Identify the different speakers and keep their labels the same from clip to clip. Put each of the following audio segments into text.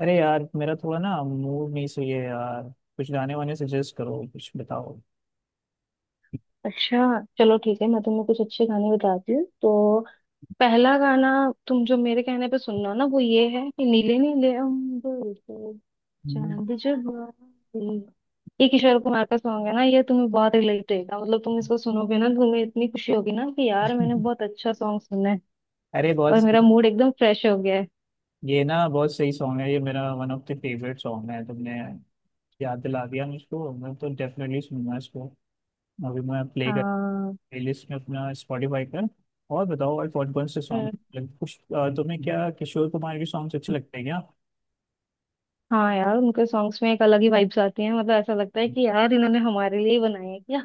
Speaker 1: अरे यार, मेरा थोड़ा ना मूड नहीं सही है यार। कुछ गाने वाने सजेस्ट करो, कुछ बताओ।
Speaker 2: अच्छा चलो ठीक है मैं तुम्हें कुछ अच्छे गाने बताती हूँ तो पहला गाना तुम जो मेरे कहने पे सुनना ना वो ये है कि नीले नीले अंबर पे
Speaker 1: हम्म।
Speaker 2: चांद जब आए। ये किशोर कुमार का सॉन्ग है ना ये तुम्हें बहुत रिलेट होगा मतलब तुम इसको सुनोगे ना तुम्हें इतनी खुशी होगी ना कि यार मैंने बहुत अच्छा सॉन्ग सुना है
Speaker 1: अरे बहुत
Speaker 2: और
Speaker 1: सही-
Speaker 2: मेरा मूड एकदम फ्रेश हो गया है।
Speaker 1: ये ना बहुत सही सॉन्ग है, ये मेरा one of the favourite song है। तुमने याद दिला दिया मुझको, मैं तो डेफिनेटली सुनूंगा इसको। अभी मैं प्ले कर
Speaker 2: हाँ।
Speaker 1: प्लेलिस्ट में अपना स्पॉटिफाई पर। और बताओ, और कौन कौन से सॉन्ग?
Speaker 2: हम्म,
Speaker 1: तुम्हें क्या किशोर कुमार के सॉन्ग्स अच्छे लगते हैं?
Speaker 2: हाँ यार उनके सॉन्ग्स में एक अलग ही वाइब्स आती हैं मतलब ऐसा लगता है
Speaker 1: क्या।
Speaker 2: कि यार इन्होंने हमारे लिए ही बनाए हैं क्या।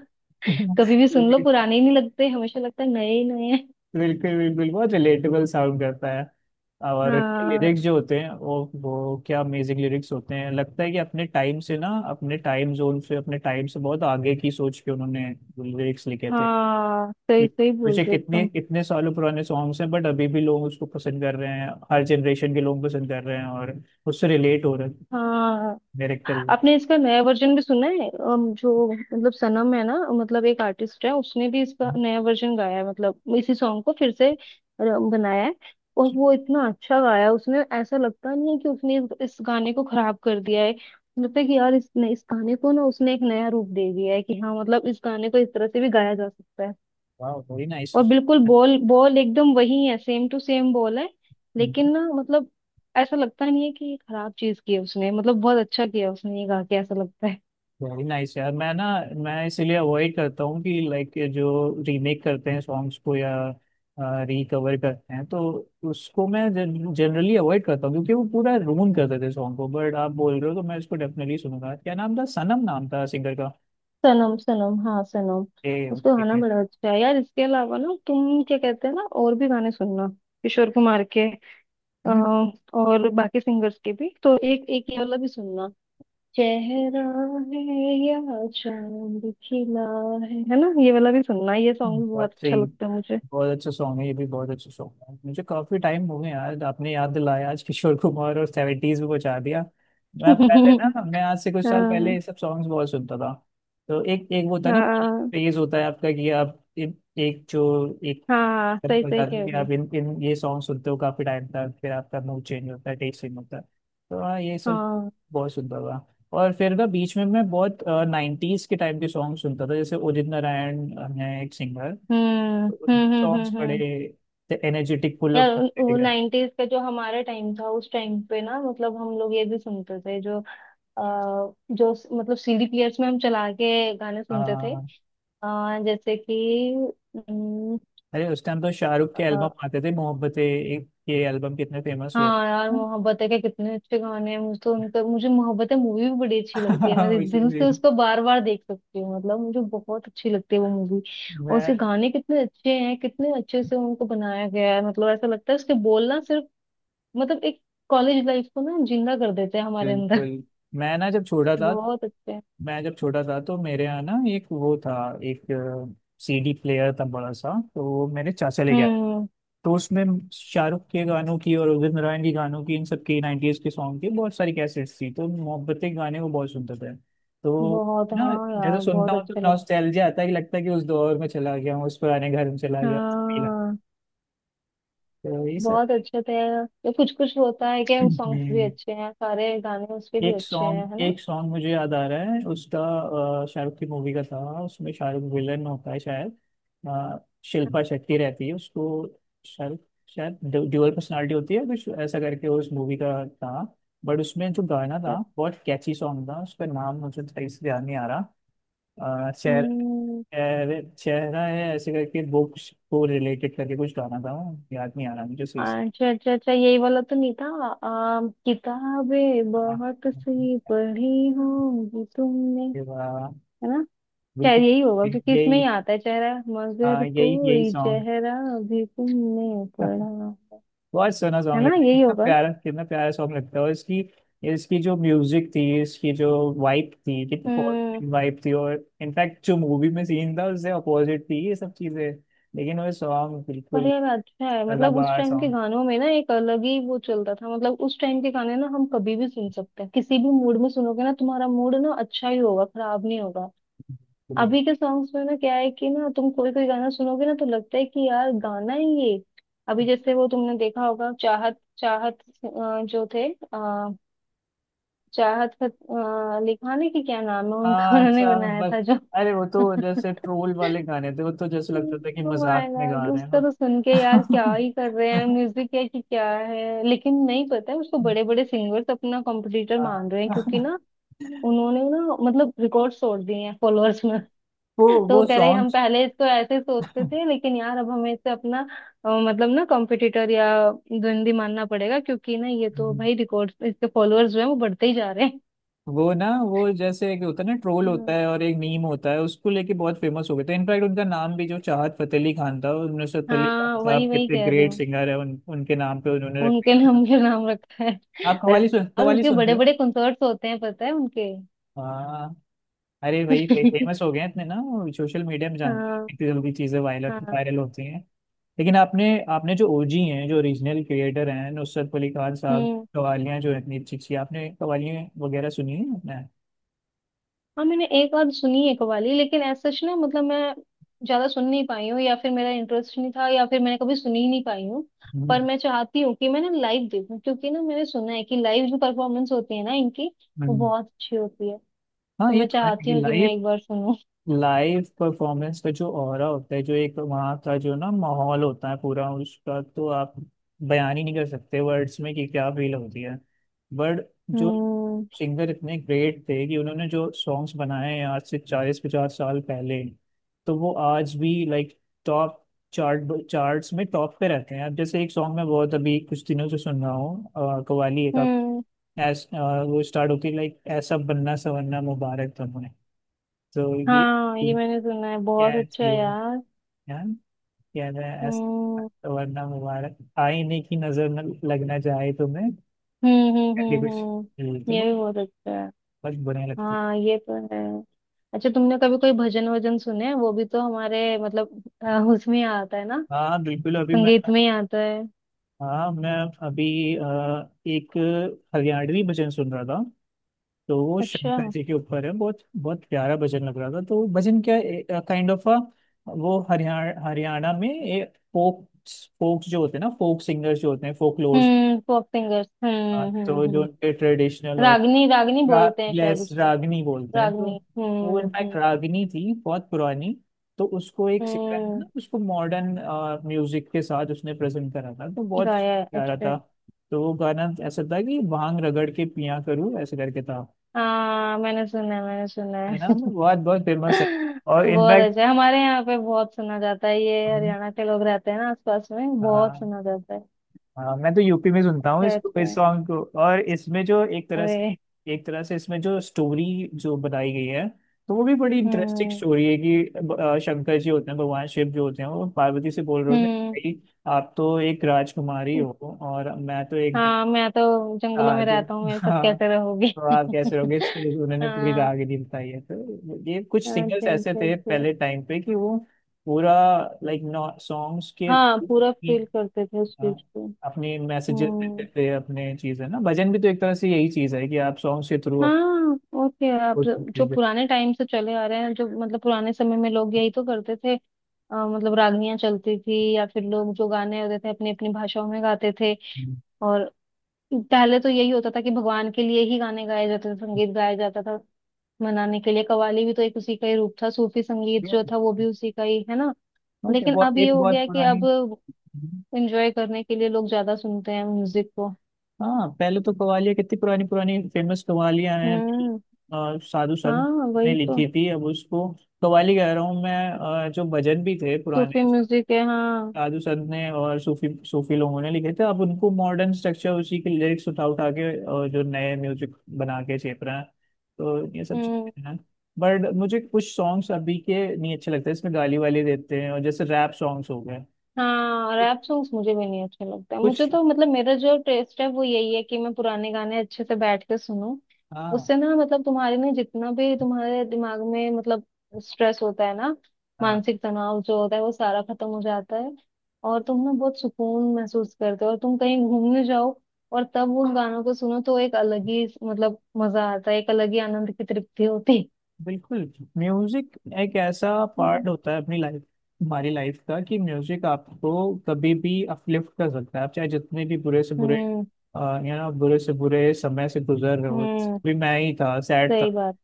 Speaker 2: कभी भी सुन लो पुराने ही नहीं लगते हमेशा लगता है नए ही नए।
Speaker 1: बिल्कुल बिल्कुल, बहुत रिलेटेबल साउंड करता है। और इनके
Speaker 2: हाँ।
Speaker 1: लिरिक्स जो होते हैं वो क्या अमेजिंग लिरिक्स होते हैं। लगता है कि अपने टाइम से ना, अपने टाइम जोन से, अपने टाइम से बहुत आगे की सोच के उन्होंने लिरिक्स लिखे थे।
Speaker 2: हाँ
Speaker 1: कि
Speaker 2: सही सही बोल
Speaker 1: मुझे
Speaker 2: रहे
Speaker 1: कितने
Speaker 2: एकदम।
Speaker 1: कितने सालों पुराने सॉन्ग्स हैं बट अभी भी लोग उसको पसंद कर रहे हैं, हर जनरेशन के लोग पसंद कर रहे हैं और उससे रिलेट हो रहे हैं।
Speaker 2: हाँ।
Speaker 1: डायरेक्टर।
Speaker 2: आपने इसका नया वर्जन भी सुना है जो मतलब सनम है ना। मतलब एक आर्टिस्ट है उसने भी इसका नया वर्जन गाया है मतलब इसी सॉन्ग को फिर से बनाया है। और वो इतना अच्छा गाया है, उसने ऐसा लगता नहीं है कि उसने इस गाने को खराब कर दिया है। लगता है कि यार इस गाने को ना उसने एक नया रूप दे दिया है कि हाँ मतलब इस गाने को इस तरह से भी गाया जा सकता है।
Speaker 1: वाह, वेरी नाइस।
Speaker 2: और बिल्कुल बॉल बॉल एकदम वही है सेम टू सेम बॉल है। लेकिन ना मतलब ऐसा लगता नहीं है कि ये खराब चीज की है उसने मतलब बहुत अच्छा किया उसने ये गा के ऐसा लगता है।
Speaker 1: वेरी नाइस यार। मैं इसीलिए अवॉइड करता हूँ कि लाइक जो रीमेक करते हैं सॉन्ग्स को या रिकवर करते हैं, तो उसको मैं जनरली अवॉइड करता हूँ, क्योंकि वो पूरा रूल कर देते सॉन्ग को। बट आप बोल रहे हो तो मैं इसको डेफिनेटली सुनूंगा। क्या नाम था? सनम नाम था सिंगर का।
Speaker 2: सनम सनम हाँ सनम।
Speaker 1: ए,
Speaker 2: उसका
Speaker 1: ओके।
Speaker 2: गाना बड़ा अच्छा है यार। इसके अलावा ना तुम क्या कहते हैं ना और भी गाने सुनना किशोर कुमार के। अ, और बाकी सिंगर्स के भी तो एक एक ये वाला भी सुनना चेहरा है या चांद खिला है ना ये वाला भी सुनना। ये सॉन्ग भी बहुत
Speaker 1: बहुत
Speaker 2: अच्छा
Speaker 1: सही।
Speaker 2: लगता है मुझे।
Speaker 1: बहुत अच्छा सॉन्ग है, ये भी बहुत अच्छा सॉन्ग है। मुझे काफी टाइम हो गया यार, आपने याद दिलाया आज किशोर कुमार और 70s में पहुंचा दिया। मैं पहले ना मैं आज से कुछ साल पहले
Speaker 2: हाँ।
Speaker 1: ये सब सॉन्ग्स बहुत सुनता था। तो एक एक वो होता है ना,
Speaker 2: हाँ।
Speaker 1: फेज होता है आपका, कि आप एक
Speaker 2: हाँ सही सही
Speaker 1: जाते हो,
Speaker 2: कह
Speaker 1: कि
Speaker 2: रही
Speaker 1: आप
Speaker 2: हो।
Speaker 1: इन इन ये सॉन्ग सुनते हो काफी टाइम तक, फिर आपका मूड चेंज होता है, टेस्ट चेंज होता है। तो हाँ, ये सब
Speaker 2: हाँ।
Speaker 1: बहुत सुनता था। और फिर ना बीच में मैं बहुत 90s के टाइम के सॉन्ग सुनता था, जैसे उदित नारायण हैं एक सिंगर।
Speaker 2: हम्म हम्म हम्म
Speaker 1: सॉन्ग्स
Speaker 2: हम्म
Speaker 1: बड़े
Speaker 2: हम्म।
Speaker 1: एनर्जेटिक, फुल
Speaker 2: यार
Speaker 1: ऑफ
Speaker 2: वो
Speaker 1: इंटीग्रेशन।
Speaker 2: 90s का जो हमारा टाइम था उस टाइम पे ना मतलब हम लोग ये भी सुनते थे आ, जो मतलब सीडी प्लेयर्स में हम चला के गाने सुनते थे।
Speaker 1: हाँ।
Speaker 2: जैसे कि।
Speaker 1: अरे, उस टाइम तो शाहरुख के एल्बम आते थे, मोहब्बतें, एक ये एल्बम कितने फेमस हुए।
Speaker 2: हाँ यार मोहब्बत है के कितने अच्छे गाने हैं मुझे तो उनका मुझे मोहब्बत है मूवी भी बड़ी अच्छी लगती है मैं
Speaker 1: हाँ,
Speaker 2: दिल से
Speaker 1: इसीलिए
Speaker 2: उसको बार बार देख सकती हूँ मतलब मुझे बहुत अच्छी लगती है वो मूवी। और उसके
Speaker 1: मैं।
Speaker 2: गाने कितने अच्छे हैं कितने अच्छे से उनको बनाया गया है मतलब ऐसा लगता है उसके बोलना सिर्फ मतलब एक कॉलेज लाइफ को ना जिंदा कर देते हैं हमारे अंदर।
Speaker 1: बिल्कुल। मैं ना जब छोटा था
Speaker 2: बहुत अच्छे हैं।
Speaker 1: मैं जब छोटा था तो मेरे यहाँ ना एक सीडी प्लेयर था बड़ा सा, तो वो मेरे चाचा लेके,
Speaker 2: हम्म।
Speaker 1: तो उसमें शाहरुख के गानों की और उदित नारायण के गानों की, इन सब की, 90s के सॉन्ग की बहुत सारी कैसेट्स थी। तो मोहब्बतें के गाने को बहुत सुनता था। तो
Speaker 2: बहुत
Speaker 1: ना,
Speaker 2: हाँ
Speaker 1: जैसे
Speaker 2: यार
Speaker 1: सुनता
Speaker 2: बहुत
Speaker 1: हूँ तो
Speaker 2: अच्छे लगते
Speaker 1: नॉस्टैल्जिया आता है, कि लगता है कि उस दौर में चला गया हूँ, उस पुराने घर में चला
Speaker 2: हैं।
Speaker 1: गया हूँ, फील आता
Speaker 2: हाँ।
Speaker 1: है। तो यही सब।
Speaker 2: बहुत अच्छे थे। ये कुछ कुछ होता है क्या सॉन्ग्स भी
Speaker 1: हम्म।
Speaker 2: अच्छे हैं सारे गाने उसके भी
Speaker 1: एक
Speaker 2: अच्छे हैं है
Speaker 1: सॉन्ग
Speaker 2: ना।
Speaker 1: एक सॉन्ग मुझे याद आ रहा है उसका। शाहरुख की मूवी का था, उसमें शाहरुख विलन होता है शायद। अ, शिल्पा शेट्टी रहती है, उसको शाहरुख शायद ड्यूअल पर्सनालिटी होती है, कुछ ऐसा करके उस मूवी का था। बट उसमें जो गाना था, बहुत कैची सॉन्ग था, उसका नाम मुझे सही से ध्यान नहीं आ रहा। अ, चेहर,
Speaker 2: हम्म,
Speaker 1: चेहरे चेहरा है ऐसे करके, बुक्स को रिलेटेड करके कुछ गाना था, वो याद नहीं आ रहा मुझे सही से।
Speaker 2: अच्छा अच्छा अच्छा यही वाला तो नहीं था किताबें
Speaker 1: हाँ,
Speaker 2: बहुत सी पढ़ी होंगी तुमने
Speaker 1: ये वाला,
Speaker 2: है ना। शायद
Speaker 1: बिल्कुल,
Speaker 2: यही होगा क्योंकि इसमें
Speaker 1: यही।
Speaker 2: ही आता है चेहरा
Speaker 1: हाँ,
Speaker 2: मगर
Speaker 1: यही यही
Speaker 2: कोई
Speaker 1: सॉन्ग।
Speaker 2: चेहरा भी तुमने पढ़ा
Speaker 1: हाँ,
Speaker 2: है
Speaker 1: बहुत सोना
Speaker 2: है
Speaker 1: सॉन्ग
Speaker 2: ना
Speaker 1: लगता है,
Speaker 2: यही होगा।
Speaker 1: कितना प्यारा सॉन्ग लगता है। और इसकी इसकी जो म्यूजिक थी, इसकी जो वाइब थी, कितनी
Speaker 2: हम्म।
Speaker 1: पॉजिटिव वाइब थी, और इनफैक्ट जो मूवी में सीन था उससे अपोजिट थी ये सब चीजें। लेकिन वो सॉन्ग
Speaker 2: पर
Speaker 1: बिल्कुल
Speaker 2: यार अच्छा है मतलब उस
Speaker 1: सदाबहार
Speaker 2: टाइम के
Speaker 1: सॉन्ग।
Speaker 2: गानों में ना एक अलग ही वो चलता था मतलब उस टाइम के गाने ना हम कभी भी सुन सकते हैं किसी भी मूड में सुनोगे ना तुम्हारा मूड ना अच्छा ही होगा खराब नहीं होगा। अभी के सॉन्ग्स में ना क्या है कि ना तुम कोई कोई गाना सुनोगे ना तो लगता है कि यार गाना ही ये। अभी जैसे वो तुमने देखा होगा चाहत चाहत जो थे आ, चाहत का लिखाने की क्या नाम है उनका
Speaker 1: हाँ,
Speaker 2: उन्होंने
Speaker 1: अच्छा,
Speaker 2: बनाया
Speaker 1: बस।
Speaker 2: था जो।
Speaker 1: अरे, वो तो जैसे ट्रोल वाले गाने थे, वो तो जैसे लगता था कि
Speaker 2: ओ माय
Speaker 1: मजाक में गा
Speaker 2: गॉड
Speaker 1: रहे हैं
Speaker 2: उसका
Speaker 1: हम।
Speaker 2: तो सुन के यार क्या ही कर रहे हैं म्यूजिक है कि क्या है लेकिन नहीं पता है उसको बड़े बड़े सिंगर्स अपना कॉम्पिटिटर मान रहे हैं क्योंकि
Speaker 1: हाँ।
Speaker 2: ना उन्होंने ना मतलब रिकॉर्ड तोड़ दिए हैं फॉलोअर्स।
Speaker 1: वो
Speaker 2: तो
Speaker 1: वो
Speaker 2: कह रहे हम
Speaker 1: सॉन्ग
Speaker 2: पहले तो ऐसे सोचते थे लेकिन यार अब हमें इससे अपना मतलब ना कॉम्पिटिटर या द्वंदी मानना पड़ेगा क्योंकि ना ये तो भाई रिकॉर्ड इसके फॉलोअर्स जो है वो बढ़ते ही जा रहे हैं।
Speaker 1: वो जैसे एक होता है ना ट्रोल, होता
Speaker 2: हम्म,
Speaker 1: है और एक मीम होता है, उसको लेके बहुत फेमस हो गए थे। इनफैक्ट उनका नाम भी जो चाहत फतेह अली खान था, और नुसरत फतेह अली
Speaker 2: हाँ
Speaker 1: खान
Speaker 2: वही
Speaker 1: साहब
Speaker 2: वही
Speaker 1: कितने
Speaker 2: कह रही
Speaker 1: ग्रेट
Speaker 2: हूँ।
Speaker 1: सिंगर है, उनके नाम पे उन्होंने रख
Speaker 2: उनके
Speaker 1: दिया था।
Speaker 2: नाम के नाम रखा है।
Speaker 1: आप
Speaker 2: अरे और
Speaker 1: कव्वाली
Speaker 2: उसके
Speaker 1: सुनते
Speaker 2: बड़े
Speaker 1: हो?
Speaker 2: बड़े कंसर्ट्स होते हैं पता है उनके।
Speaker 1: हाँ। अरे वही वही फेमस हो गए हैं इतने ना, सोशल मीडिया में जानते हैं
Speaker 2: हाँ।
Speaker 1: इतनी जल्दी चीजें वायरल
Speaker 2: हाँ।
Speaker 1: वायरल होती हैं। लेकिन आपने आपने जो ओजी हैं, जो रीजनल क्रिएटर हैं, नुसरत फतेह अली खान साहब,
Speaker 2: हम्म।
Speaker 1: कवालियाँ जो इतनी अच्छी अच्छी, आपने कवालियाँ वगैरह सुनी है आपने?
Speaker 2: हाँ मैंने एक आध सुनी है कवाली लेकिन ऐसा सच ना मतलब मैं ज्यादा सुन नहीं पाई हूँ या फिर मेरा इंटरेस्ट नहीं था या फिर मैंने कभी सुनी ही नहीं पाई हूँ। पर
Speaker 1: हम्म
Speaker 2: मैं चाहती हूँ कि मैं ना लाइव देखूँ क्योंकि ना मैंने सुना है कि लाइव जो परफॉर्मेंस होती है ना इनकी वो
Speaker 1: हम्म।
Speaker 2: बहुत अच्छी होती है।
Speaker 1: हाँ
Speaker 2: तो
Speaker 1: ये
Speaker 2: मैं
Speaker 1: तो
Speaker 2: चाहती
Speaker 1: है।
Speaker 2: हूँ कि मैं
Speaker 1: लाइफ,
Speaker 2: एक बार सुनूं।
Speaker 1: लाइव परफॉर्मेंस का जो ऑरा होता है, जो एक वहाँ का जो ना माहौल होता है पूरा उसका, तो आप बयान ही नहीं कर सकते वर्ड्स में कि क्या फील होती है। बट जो
Speaker 2: हम्म
Speaker 1: सिंगर इतने ग्रेट थे कि उन्होंने जो सॉन्ग्स बनाए हैं आज से 40-50 साल पहले, तो वो आज भी लाइक टॉप, चार्ट्स में टॉप पे रहते हैं। अब जैसे एक सॉन्ग मैं बहुत अभी कुछ दिनों से सुन रहा हूँ, कव्वाली, एक
Speaker 2: हम्म।
Speaker 1: ऐस, अ, वो स्टार्ट होती है लाइक, ऐसा बनना सवरना मुबारक तुम्हें, तो ये
Speaker 2: हाँ ये मैंने सुना है बहुत
Speaker 1: क्या
Speaker 2: अच्छा है
Speaker 1: चाहिए
Speaker 2: यार।
Speaker 1: यार, क्या है
Speaker 2: हम्म
Speaker 1: ऐसा, वरना मुबारक आईने की नजर न लगना चाहे तुम्हें, करके कुछ बोलते
Speaker 2: हम्म। ये
Speaker 1: हो,
Speaker 2: भी बहुत अच्छा है।
Speaker 1: बस बुरा लगते।
Speaker 2: हाँ ये तो है। अच्छा तुमने कभी कोई भजन वजन सुने हैं? वो भी तो हमारे मतलब उसमें ही आता है ना
Speaker 1: हाँ, बिल्कुल। अभी मैं,
Speaker 2: संगीत में ही आता है।
Speaker 1: हाँ मैं अभी अ, एक हरियाणवी भजन सुन रहा था, तो वो
Speaker 2: अच्छा।
Speaker 1: शंकर जी के ऊपर है, बहुत बहुत प्यारा भजन लग रहा था। तो भजन क्या, काइंड ऑफ अ, वो हरियाणा हरियाणा में ए, फोक फोक्स जो होते हैं ना, फोक सिंगर्स जो होते हैं फोक,
Speaker 2: पॉप सिंगर्स
Speaker 1: हाँ, तो जो
Speaker 2: हम्म।
Speaker 1: उनके ट्रेडिशनल, और
Speaker 2: रागनी रागनी बोलते हैं शायद
Speaker 1: लेस
Speaker 2: उसको।
Speaker 1: रागनी बोलते हैं। तो
Speaker 2: रागनी
Speaker 1: वो इनफैक्ट रागनी थी बहुत पुरानी, तो उसको एक सिक्का है
Speaker 2: हम्म
Speaker 1: ना, उसको मॉडर्न म्यूजिक के साथ उसने प्रेजेंट करा था, तो बहुत
Speaker 2: गाया है
Speaker 1: प्यारा
Speaker 2: अच्छा।
Speaker 1: था। तो वो गाना ऐसा था कि भांग रगड़ के पिया करूँ, ऐसे करके था,
Speaker 2: हाँ मैंने सुना है मैंने सुना
Speaker 1: है ना,
Speaker 2: है।
Speaker 1: वो बहुत बहुत फेमस है। और
Speaker 2: बहुत अच्छा है। हमारे यहाँ पे बहुत सुना जाता है ये
Speaker 1: इनफैक्ट
Speaker 2: हरियाणा के लोग रहते हैं ना आसपास में बहुत सुना जाता है।
Speaker 1: हाँ, मैं तो यूपी में सुनता हूँ
Speaker 2: अच्छा
Speaker 1: इसको,
Speaker 2: अच्छा
Speaker 1: इस सॉन्ग को, और इसमें जो एक तरह
Speaker 2: अरे।
Speaker 1: से, एक तरह से इसमें जो स्टोरी जो बताई गई है, तो वो भी बड़ी इंटरेस्टिंग
Speaker 2: हम्म
Speaker 1: स्टोरी है, कि शंकर जी होते हैं, भगवान शिव जो होते हैं, वो पार्वती से बोल रहे होते हैं,
Speaker 2: हम्म।
Speaker 1: भाई आप तो एक राजकुमारी हो, और मैं तो एक,
Speaker 2: हाँ मैं तो जंगलों
Speaker 1: आ,
Speaker 2: में
Speaker 1: तो,
Speaker 2: रहता हूँ मेरे साथ
Speaker 1: हाँ,
Speaker 2: कैसे रहोगे।
Speaker 1: तो आप कैसे रहोगे, इसको लेके उन्होंने पूरी
Speaker 2: हाँ
Speaker 1: राहगीरी बताई है। तो ये कुछ सिंगर्स
Speaker 2: अच्छा
Speaker 1: ऐसे
Speaker 2: अच्छा
Speaker 1: थे
Speaker 2: अच्छा।
Speaker 1: पहले टाइम पे कि वो पूरा लाइक सॉन्ग्स के,
Speaker 2: हाँ पूरा फील करते थे उस चीज
Speaker 1: हाँ,
Speaker 2: को।
Speaker 1: अपनी मैसेजेस
Speaker 2: हम्म।
Speaker 1: देते हैं अपने, चीज है ना, भजन भी तो एक तरह से यही चीज है, कि आप सॉन्ग्स के थ्रू आप
Speaker 2: हाँ ओके आप
Speaker 1: कुछ
Speaker 2: जो
Speaker 1: चीज़ है।
Speaker 2: पुराने टाइम से चले आ रहे हैं जो मतलब पुराने समय में लोग यही तो करते थे। मतलब रागनियां चलती थी या फिर लोग जो गाने होते थे अपनी अपनी भाषाओं में गाते थे।
Speaker 1: हम्म।
Speaker 2: और पहले तो यही होता था कि भगवान के लिए ही गाने गाए जाते थे संगीत गाया जाता था मनाने के लिए। कव्वाली भी तो एक उसी का ही रूप था सूफी संगीत जो था वो भी उसी का ही है ना।
Speaker 1: ओके,
Speaker 2: लेकिन
Speaker 1: बहुत
Speaker 2: अब ये
Speaker 1: एक
Speaker 2: हो गया
Speaker 1: बहुत
Speaker 2: है कि
Speaker 1: पुरानी।
Speaker 2: अब एंजॉय करने के लिए लोग ज्यादा सुनते हैं म्यूजिक को।
Speaker 1: हाँ, पहले तो कवालियाँ कितनी पुरानी पुरानी फेमस कवालियाँ हैं,
Speaker 2: हम्म।
Speaker 1: साधु संत
Speaker 2: हाँ
Speaker 1: ने
Speaker 2: वही तो
Speaker 1: लिखी थी, अब उसको कवाली कह रहा हूँ मैं, जो भजन भी थे पुराने,
Speaker 2: सूफी म्यूजिक है। हाँ।
Speaker 1: साधु संत ने और सूफी सूफी लोगों ने लिखे थे, अब उनको मॉडर्न स्ट्रक्चर, उसी के लिरिक्स उठा उठा के, और जो नए म्यूजिक बना के छेप रहे हैं, तो ये सब
Speaker 2: हम्म।
Speaker 1: चीजें हैं। बट मुझे कुछ सॉन्ग्स अभी के नहीं अच्छे लगते, इसमें गाली वाली देते हैं, और जैसे रैप सॉन्ग्स हो गए,
Speaker 2: हाँ रैप सॉन्ग्स मुझे भी नहीं अच्छे लगते मुझे
Speaker 1: कुछ।
Speaker 2: तो मतलब मेरा जो टेस्ट है वो यही है कि मैं पुराने गाने अच्छे से बैठ के सुनूं।
Speaker 1: हाँ
Speaker 2: उससे ना मतलब तुम्हारे में जितना भी तुम्हारे दिमाग में मतलब स्ट्रेस होता है ना
Speaker 1: हाँ।
Speaker 2: मानसिक तनाव जो होता है वो सारा खत्म हो जाता है। और तुम ना बहुत सुकून महसूस करते हो और तुम कहीं घूमने जाओ और तब उन गानों को सुनो तो एक अलग ही मतलब मजा आता है एक अलग ही आनंद की तृप्ति होती है।
Speaker 1: बिल्कुल, म्यूजिक एक ऐसा
Speaker 2: हम्म।
Speaker 1: पार्ट होता है अपनी लाइफ, हमारी लाइफ का, कि म्यूजिक आपको कभी भी अपलिफ्ट कर सकता है, आप चाहे जितने भी बुरे से बुरे
Speaker 2: हम्म
Speaker 1: बुरे से बुरे समय से गुजर रहे हो,
Speaker 2: हम्म
Speaker 1: भी मैं ही था, सैड था।
Speaker 2: सही बात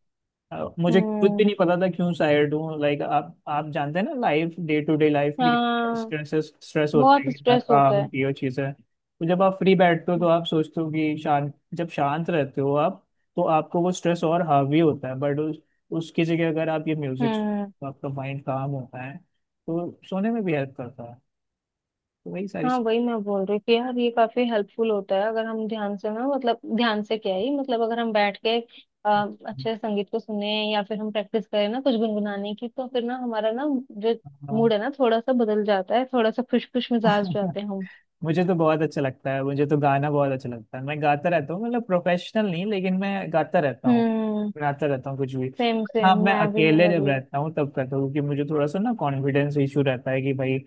Speaker 1: मुझे खुद
Speaker 2: हम्म।
Speaker 1: भी नहीं पता था क्यों सैड हूँ, लाइक आप जानते हैं ना life, day to day life भी
Speaker 2: हाँ
Speaker 1: स्ट्रेस स्ट्रेस होता
Speaker 2: बहुत
Speaker 1: है, कितना
Speaker 2: स्ट्रेस होता
Speaker 1: काम
Speaker 2: है।
Speaker 1: की वो चीज़ है, तो जब आप फ्री बैठते हो तो आप सोचते हो कि शांत, जब शांत रहते हो आप, तो आपको वो स्ट्रेस और हावी होता है। बट उसकी जगह अगर आप ये म्यूजिक,
Speaker 2: हम्म।
Speaker 1: तो आपका माइंड काम होता है, तो सोने में भी हेल्प करता है, तो वही सारी
Speaker 2: हाँ
Speaker 1: चीज़-।
Speaker 2: वही मैं बोल रही थी यार ये काफी हेल्पफुल होता है अगर हम ध्यान से ना मतलब ध्यान से क्या ही मतलब अगर हम बैठ के अच्छे से संगीत को सुने या फिर हम प्रैक्टिस करें ना कुछ गुनगुनाने की तो फिर ना हमारा ना जो मूड है ना थोड़ा सा बदल जाता है थोड़ा सा खुश खुश मिजाज हो
Speaker 1: हाँ।
Speaker 2: जाते हैं हम।
Speaker 1: मुझे तो बहुत अच्छा लगता है, मुझे तो गाना बहुत अच्छा लगता है, मैं गाता रहता हूँ, मतलब प्रोफेशनल नहीं लेकिन मैं गाता रहता हूँ,
Speaker 2: हम्म
Speaker 1: गाता रहता हूँ कुछ भी।
Speaker 2: सेम
Speaker 1: हाँ,
Speaker 2: सेम
Speaker 1: मैं
Speaker 2: मैं भी
Speaker 1: अकेले
Speaker 2: मेरा
Speaker 1: जब
Speaker 2: भी।
Speaker 1: रहता हूँ तब करता हूँ, क्योंकि मुझे थोड़ा सा ना कॉन्फिडेंस इशू रहता है, कि भाई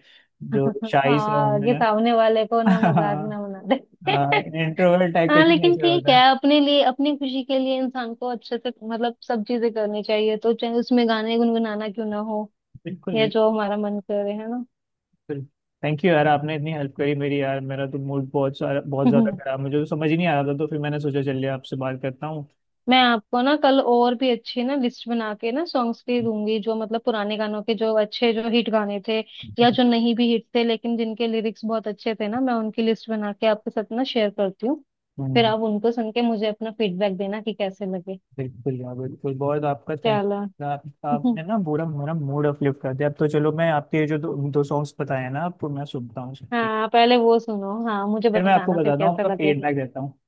Speaker 1: जो शाही से हूँ
Speaker 2: हाँ ये
Speaker 1: मैं।
Speaker 2: सामने वाले को ना मजाक ना बना दे।
Speaker 1: हाँ, इंट्रोवर्ट टाइप का
Speaker 2: हाँ
Speaker 1: जो
Speaker 2: लेकिन
Speaker 1: नेचर
Speaker 2: ठीक
Speaker 1: होता
Speaker 2: है
Speaker 1: है।
Speaker 2: अपने लिए अपनी खुशी के लिए इंसान को अच्छे से मतलब सब चीजें करनी चाहिए तो चाहे उसमें गाने गुनगुनाना क्यों ना हो
Speaker 1: बिल्कुल
Speaker 2: या जो हमारा मन करे है ना।
Speaker 1: बिल्कुल। थैंक यू यार, आपने इतनी हेल्प करी मेरी, यार मेरा तो मूड बहुत सारा बहुत ज्यादा खराब, मुझे तो समझ ही नहीं आ रहा था, तो फिर मैंने सोचा चलिए आपसे बात करता हूँ।
Speaker 2: मैं आपको ना कल और भी अच्छी ना लिस्ट बना के ना सॉन्ग्स की दूंगी जो मतलब पुराने गानों के जो अच्छे जो हिट गाने थे या जो नहीं भी हिट थे लेकिन जिनके लिरिक्स बहुत अच्छे थे ना मैं उनकी लिस्ट बना के आपके साथ ना शेयर करती हूँ। फिर
Speaker 1: हम्म।
Speaker 2: आप उनको सुन के मुझे अपना फीडबैक देना कि कैसे लगे।
Speaker 1: बिल्कुल यार, बिल्कुल, बहुत आपका थैंक।
Speaker 2: चलो।
Speaker 1: आपने ना पूरा मेरा मूड अपलिफ्ट कर दिया, अब तो चलो, मैं आपके जो दो, दो सॉन्ग्स बताए हैं ना, आपको मैं सुनता हूँ सबके।
Speaker 2: हाँ पहले वो सुनो हाँ मुझे
Speaker 1: फिर मैं आपको
Speaker 2: बताना फिर
Speaker 1: बताता हूँ,
Speaker 2: कैसा
Speaker 1: आपका
Speaker 2: लगे।
Speaker 1: फीडबैक देता हूँ।